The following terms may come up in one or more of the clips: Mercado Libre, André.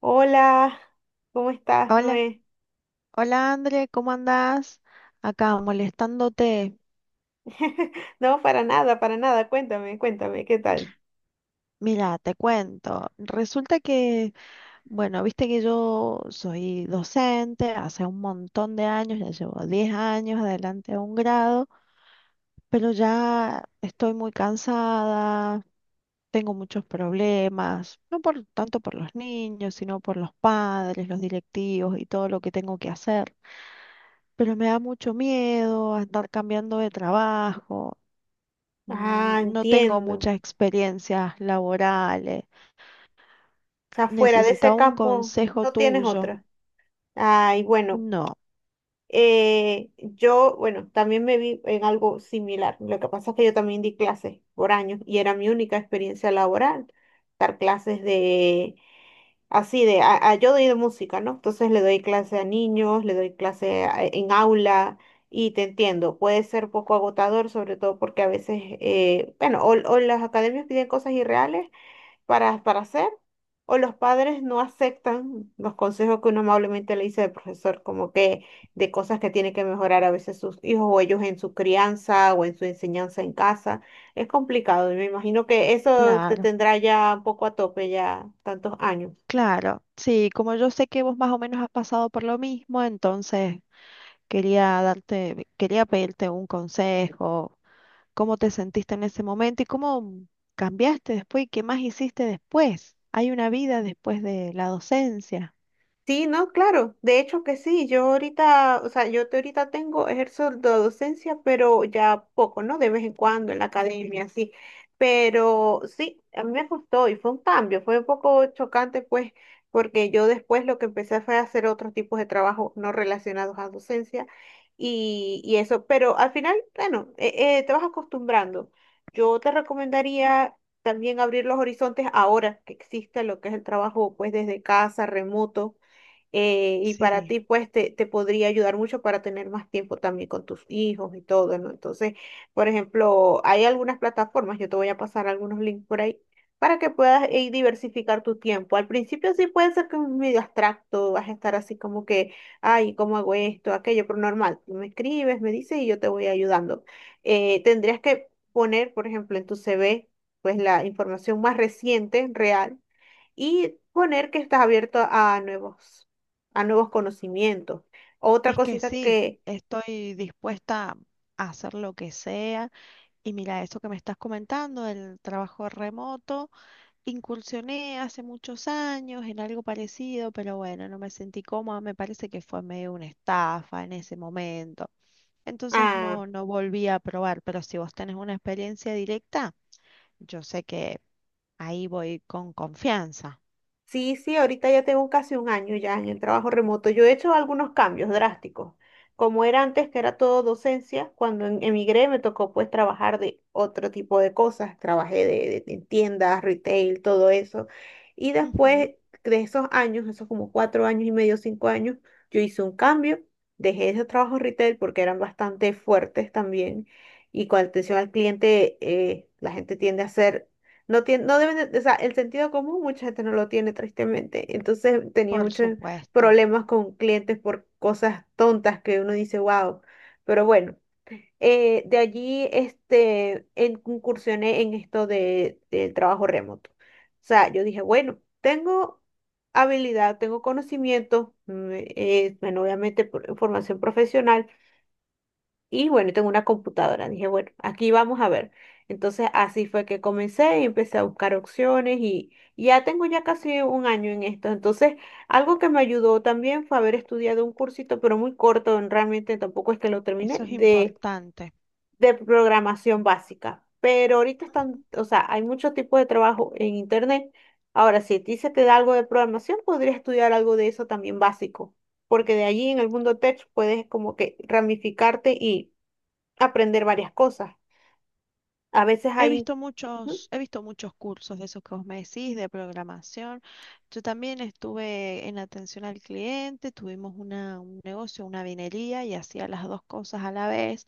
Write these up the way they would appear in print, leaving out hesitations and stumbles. Hola, ¿cómo estás, Hola, Noé? hola André, ¿cómo andás? Acá molestándote. No, para nada, para nada. Cuéntame, cuéntame, ¿qué tal? Mira, te cuento. Resulta que, bueno, viste que yo soy docente hace un montón de años, ya llevo 10 años adelante de un grado, pero ya estoy muy cansada, tengo muchos problemas, no por tanto por los niños, sino por los padres, los directivos y todo lo que tengo que hacer. Pero me da mucho miedo a estar cambiando de trabajo. Ah, No tengo entiendo. O muchas experiencias laborales. sea, fuera de ese Necesitaba un campo consejo no tienes tuyo. otra. Ay, bueno, No, yo, bueno, también me vi en algo similar. Lo que pasa es que yo también di clases por años y era mi única experiencia laboral, dar clases de. Así de, yo doy de música, ¿no? Entonces le doy clase a niños, le doy clase en aula y te entiendo, puede ser poco agotador, sobre todo porque a veces, bueno, o las academias piden cosas irreales para hacer, o los padres no aceptan los consejos que uno amablemente le dice al profesor, como que de cosas que tiene que mejorar a veces sus hijos o ellos en su crianza o en su enseñanza en casa. Es complicado y me imagino que eso te claro, tendrá ya un poco a tope ya tantos años. claro. Sí, como yo sé que vos más o menos has pasado por lo mismo, entonces quería darte, quería pedirte un consejo, cómo te sentiste en ese momento y cómo cambiaste después y qué más hiciste después. Hay una vida después de la docencia. Sí, no, claro, de hecho que sí, yo ahorita, o sea, yo te ahorita tengo, ejerzo la docencia, pero ya poco, ¿no? De vez en cuando en la academia, sí, pero sí, a mí me gustó y fue un cambio, fue un poco chocante, pues, porque yo después lo que empecé fue a hacer otros tipos de trabajo no relacionados a docencia y eso, pero al final, bueno, te vas acostumbrando. Yo te recomendaría también abrir los horizontes ahora que existe lo que es el trabajo, pues, desde casa, remoto, y para Sí, ti, pues, te podría ayudar mucho para tener más tiempo también con tus hijos y todo, ¿no? Entonces, por ejemplo, hay algunas plataformas, yo te voy a pasar algunos links por ahí, para que puedas diversificar tu tiempo. Al principio sí puede ser que es medio abstracto, vas a estar así como que, ay, ¿cómo hago esto, aquello? Pero normal, tú me escribes, me dices y yo te voy ayudando. Tendrías que poner, por ejemplo, en tu CV, pues, la información más reciente, real y poner que estás abierto a nuevos conocimientos. Otra es que cosita sí, que, estoy dispuesta a hacer lo que sea. Y mira, eso que me estás comentando, el trabajo remoto, incursioné hace muchos años en algo parecido, pero bueno, no me sentí cómoda, me parece que fue medio una estafa en ese momento. Entonces ah. no, no volví a probar, pero si vos tenés una experiencia directa, yo sé que ahí voy con confianza. Sí, sí, ahorita ya tengo casi un año ya en el trabajo remoto. Yo he hecho algunos cambios drásticos. Como era antes, que era todo docencia, cuando emigré me tocó pues trabajar de otro tipo de cosas. Trabajé en tiendas, retail, todo eso. Y Ujú, después de esos años, esos como cuatro años y medio, cinco años, yo hice un cambio. Dejé esos trabajos retail porque eran bastante fuertes también. Y con atención al cliente, la gente tiende a ser, no tiene, no deben de- o sea, el sentido común mucha gente no lo tiene, tristemente. Entonces tenía por muchos supuesto, problemas con clientes por cosas tontas que uno dice, wow. Pero bueno, de allí este, incursioné en esto de, del trabajo remoto. O sea, yo dije, bueno, tengo habilidad, tengo conocimiento, bueno, obviamente formación profesional y bueno, tengo una computadora. Dije, bueno, aquí vamos a ver. Entonces así fue que comencé y empecé a buscar opciones y ya tengo ya casi un año en esto. Entonces, algo que me ayudó también fue haber estudiado un cursito, pero muy corto, realmente tampoco es que lo terminé, eso es importante. de programación básica. Pero ahorita están, Ujú. o sea, hay muchos tipos de trabajo en internet. Ahora, si a ti se te da algo de programación, podrías estudiar algo de eso también básico, porque de allí en el mundo tech puedes como que ramificarte, aprender varias cosas. A veces hay, ujú. He visto muchos cursos de esos que vos me decís, de programación. Yo también estuve en atención al cliente, tuvimos un negocio, una vinería y hacía las dos cosas a la vez,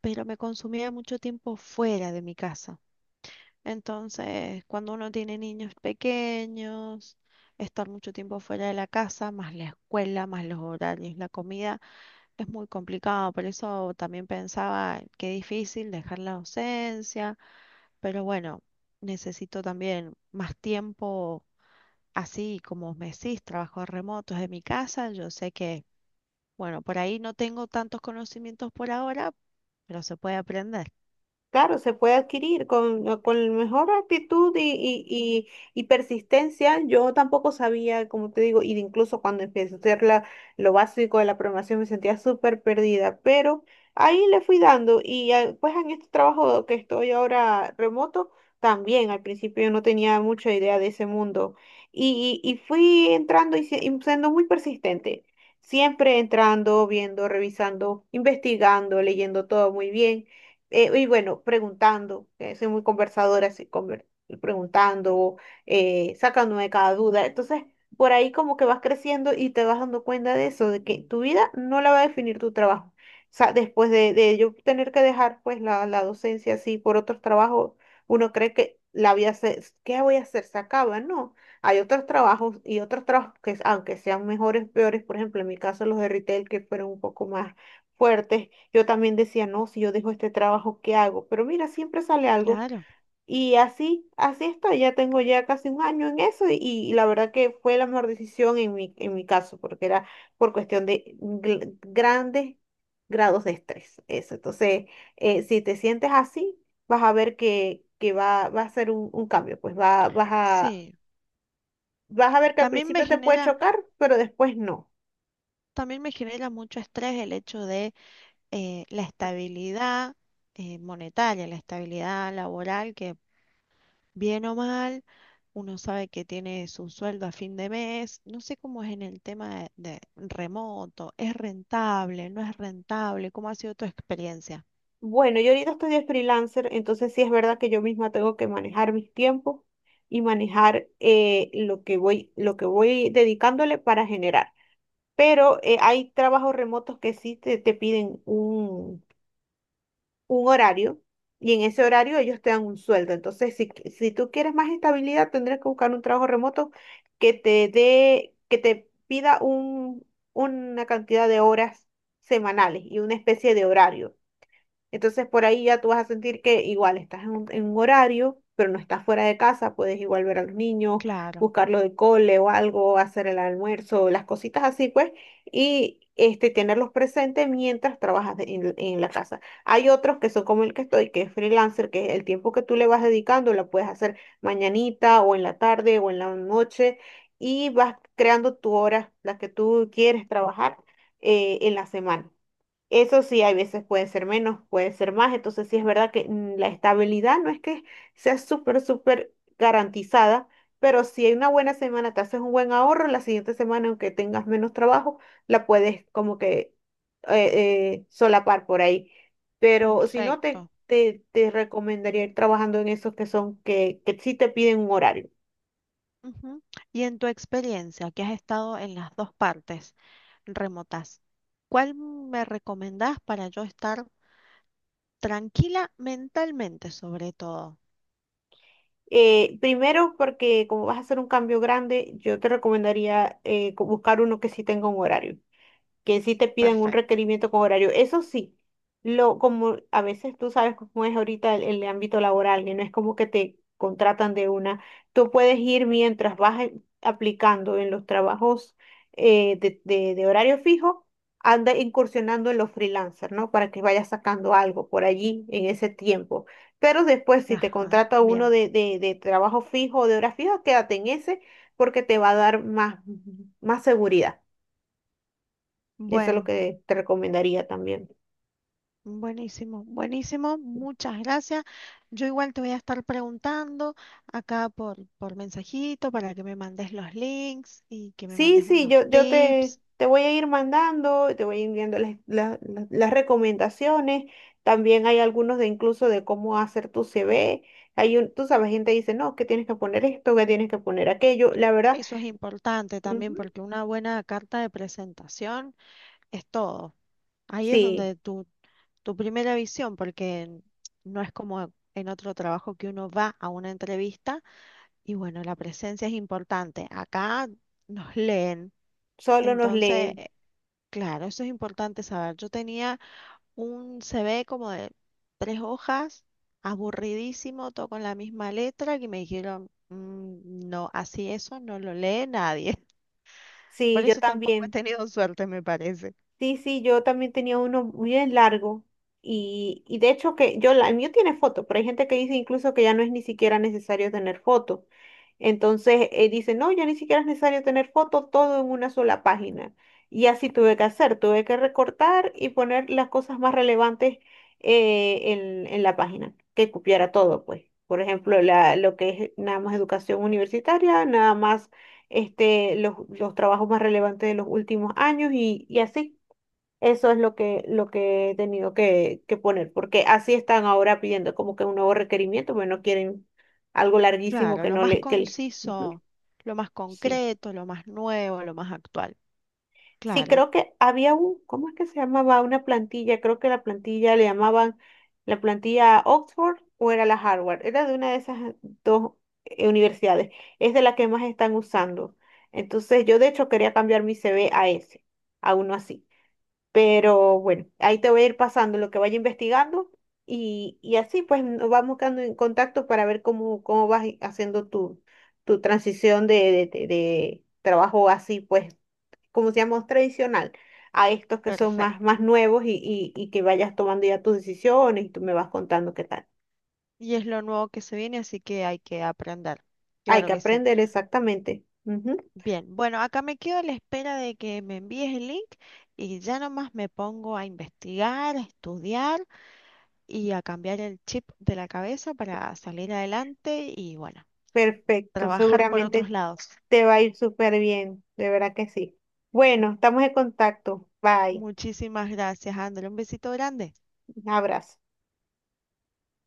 pero me consumía mucho tiempo fuera de mi casa. Entonces, cuando uno tiene niños pequeños, estar mucho tiempo fuera de la casa, más la escuela, más los horarios, la comida. Es muy complicado, por eso también pensaba qué difícil dejar la docencia, pero bueno, necesito también más tiempo, así como me decís, trabajos remotos de mi casa, yo sé que, bueno, por ahí no tengo tantos conocimientos por ahora, pero se puede aprender. Claro, se puede adquirir con la mejor actitud y persistencia. Yo tampoco sabía, como te digo, y de incluso cuando empecé a hacer la, lo básico de la programación me sentía súper perdida, pero ahí le fui dando y ah, pues en este trabajo que estoy ahora remoto, también al principio yo no tenía mucha idea de ese mundo y fui entrando y y siendo muy persistente, siempre entrando, viendo, revisando, investigando, leyendo todo muy bien. Y bueno, preguntando, soy muy conversadora, así, preguntando, sacándome de cada duda. Entonces, por ahí como que vas creciendo y te vas dando cuenta de eso, de que tu vida no la va a definir tu trabajo. O sea, después de yo tener que dejar pues la docencia así por otros trabajos, uno cree que la vida se, ¿qué voy a hacer? Se acaba, ¿no? Hay otros trabajos y otros trabajos que, aunque sean mejores, peores, por ejemplo, en mi caso los de retail que fueron un poco más fuertes, yo también decía, no, si yo dejo este trabajo, ¿qué hago? Pero mira, siempre sale algo. Claro, Y así, así estoy. Ya tengo ya casi un año en eso y la verdad que fue la mejor decisión en mi caso, porque era por cuestión de grandes grados de estrés. Eso. Entonces, si te sientes así, vas a ver que va, va a ser un cambio. Pues va, vas a, sí. vas a ver que al También me principio te puede genera, chocar, pero después no. también me genera mucho estrés el hecho de la estabilidad monetaria, la estabilidad laboral, que, bien o mal, uno sabe que tiene su sueldo a fin de mes. No sé cómo es en el tema de remoto. ¿Es rentable? ¿No es rentable? ¿Cómo ha sido tu experiencia? Bueno, yo ahorita estoy de freelancer, entonces sí es verdad que yo misma tengo que manejar mis tiempos y manejar lo que voy dedicándole para generar. Pero hay trabajos remotos que sí te piden un horario y en ese horario ellos te dan un sueldo. Entonces, si, si tú quieres más estabilidad, tendrás que buscar un trabajo remoto que te dé, que te pida un, una cantidad de horas semanales y una especie de horario, entonces por ahí ya tú vas a sentir que igual estás en un horario, pero no estás fuera de casa, puedes igual ver a los niños, Claro, buscarlo de cole o algo, hacer el almuerzo, las cositas así pues, y este, tenerlos presentes mientras trabajas en la casa. Hay otros que son como el que estoy, que es freelancer, que el tiempo que tú le vas dedicando lo puedes hacer mañanita o en la tarde o en la noche y vas creando tu hora, la que tú quieres trabajar en la semana. Eso sí, hay veces pueden ser menos, pueden ser más, entonces sí es verdad que la estabilidad no es que sea súper, súper garantizada, pero si hay una buena semana, te haces un buen ahorro, la siguiente semana, aunque tengas menos trabajo, la puedes como que solapar por ahí. Pero si no, perfecto. Te recomendaría ir trabajando en esos que son, que sí te piden un horario. Ujú. Y en tu experiencia, que has estado en las dos partes remotas, ¿cuál me recomendás para yo estar tranquila mentalmente sobre todo? Primero, porque como vas a hacer un cambio grande, yo te recomendaría buscar uno que sí tenga un horario, que sí te pidan un Perfecto. requerimiento con horario. Eso sí, lo, como a veces tú sabes cómo es ahorita el ámbito laboral, que no es como que te contratan de una. Tú puedes ir mientras vas aplicando en los trabajos, de horario fijo, anda incursionando en los freelancers, ¿no? Para que vayas sacando algo por allí en ese tiempo. Pero después, si te Ajá, contrata uno bien. De trabajo fijo o de hora fija, quédate en ese, porque te va a dar más, más seguridad. Eso es lo Bueno. que te recomendaría también. Buenísimo, buenísimo, muchas gracias. Yo igual te voy a estar preguntando acá por mensajito para que me mandes los links y que me Sí, mandes sí, unos yo tips. te voy a ir mandando, te voy a ir enviando las, las recomendaciones. También hay algunos de incluso de cómo hacer tu CV. Hay un, tú sabes, gente dice, no, que tienes que poner esto, que tienes que poner aquello. La verdad, Eso es importante también ujú, porque una buena carta de presentación es todo. Ahí es sí, donde tu primera visión, porque no es como en otro trabajo que uno va a una entrevista y bueno, la presencia es importante. Acá nos leen. solo nos Entonces, leen. claro, eso es importante saber. Yo tenía un CV como de tres hojas, aburridísimo, todo con la misma letra, y me dijeron, "Mm, no, así eso no lo lee nadie". Sí, Por yo eso tampoco he también. tenido suerte, me parece. Sí, sí, yo también tenía uno muy bien largo y de hecho que yo, el mío tiene foto, pero hay gente que dice incluso que ya no es ni siquiera necesario tener foto. Entonces dice, no, ya ni siquiera es necesario tener foto, todo en una sola página. Y así tuve que hacer, tuve que recortar y poner las cosas más relevantes, en la página, que cupiera todo, pues. Por ejemplo, la, lo que es nada más educación universitaria, nada más este, los trabajos más relevantes de los últimos años y así. Eso es lo que he tenido que poner, porque así están ahora pidiendo como que un nuevo requerimiento, bueno quieren algo larguísimo Claro, que lo no más le, Ujú, conciso, lo más sí. concreto, lo más nuevo, lo más actual. Sí, Claro, creo que había un, ¿cómo es que se llamaba? Una plantilla, creo que la plantilla le llamaban la plantilla Oxford o era la Harvard, era de una de esas dos, universidades, es de la que más están usando. Entonces yo de hecho quería cambiar mi CV a ese, a uno así. Pero bueno, ahí te voy a ir pasando lo que vaya investigando y así pues nos vamos quedando en contacto para ver cómo, cómo vas haciendo tu, tu transición de trabajo así pues, como se llama, tradicional, a estos que son más, perfecto. más nuevos y que vayas tomando ya tus decisiones y tú me vas contando qué tal. Y es lo nuevo que se viene, así que hay que aprender. Hay Claro que que sí. aprender exactamente. Ujú. Bien, bueno, acá me quedo a la espera de que me envíes el link y ya nomás me pongo a investigar, a estudiar y a cambiar el chip de la cabeza para salir adelante y bueno, Perfecto, trabajar por otros seguramente lados. te va a ir súper bien, de verdad que sí. Bueno, estamos en contacto. Bye, Muchísimas gracias, André. Un besito grande. un abrazo.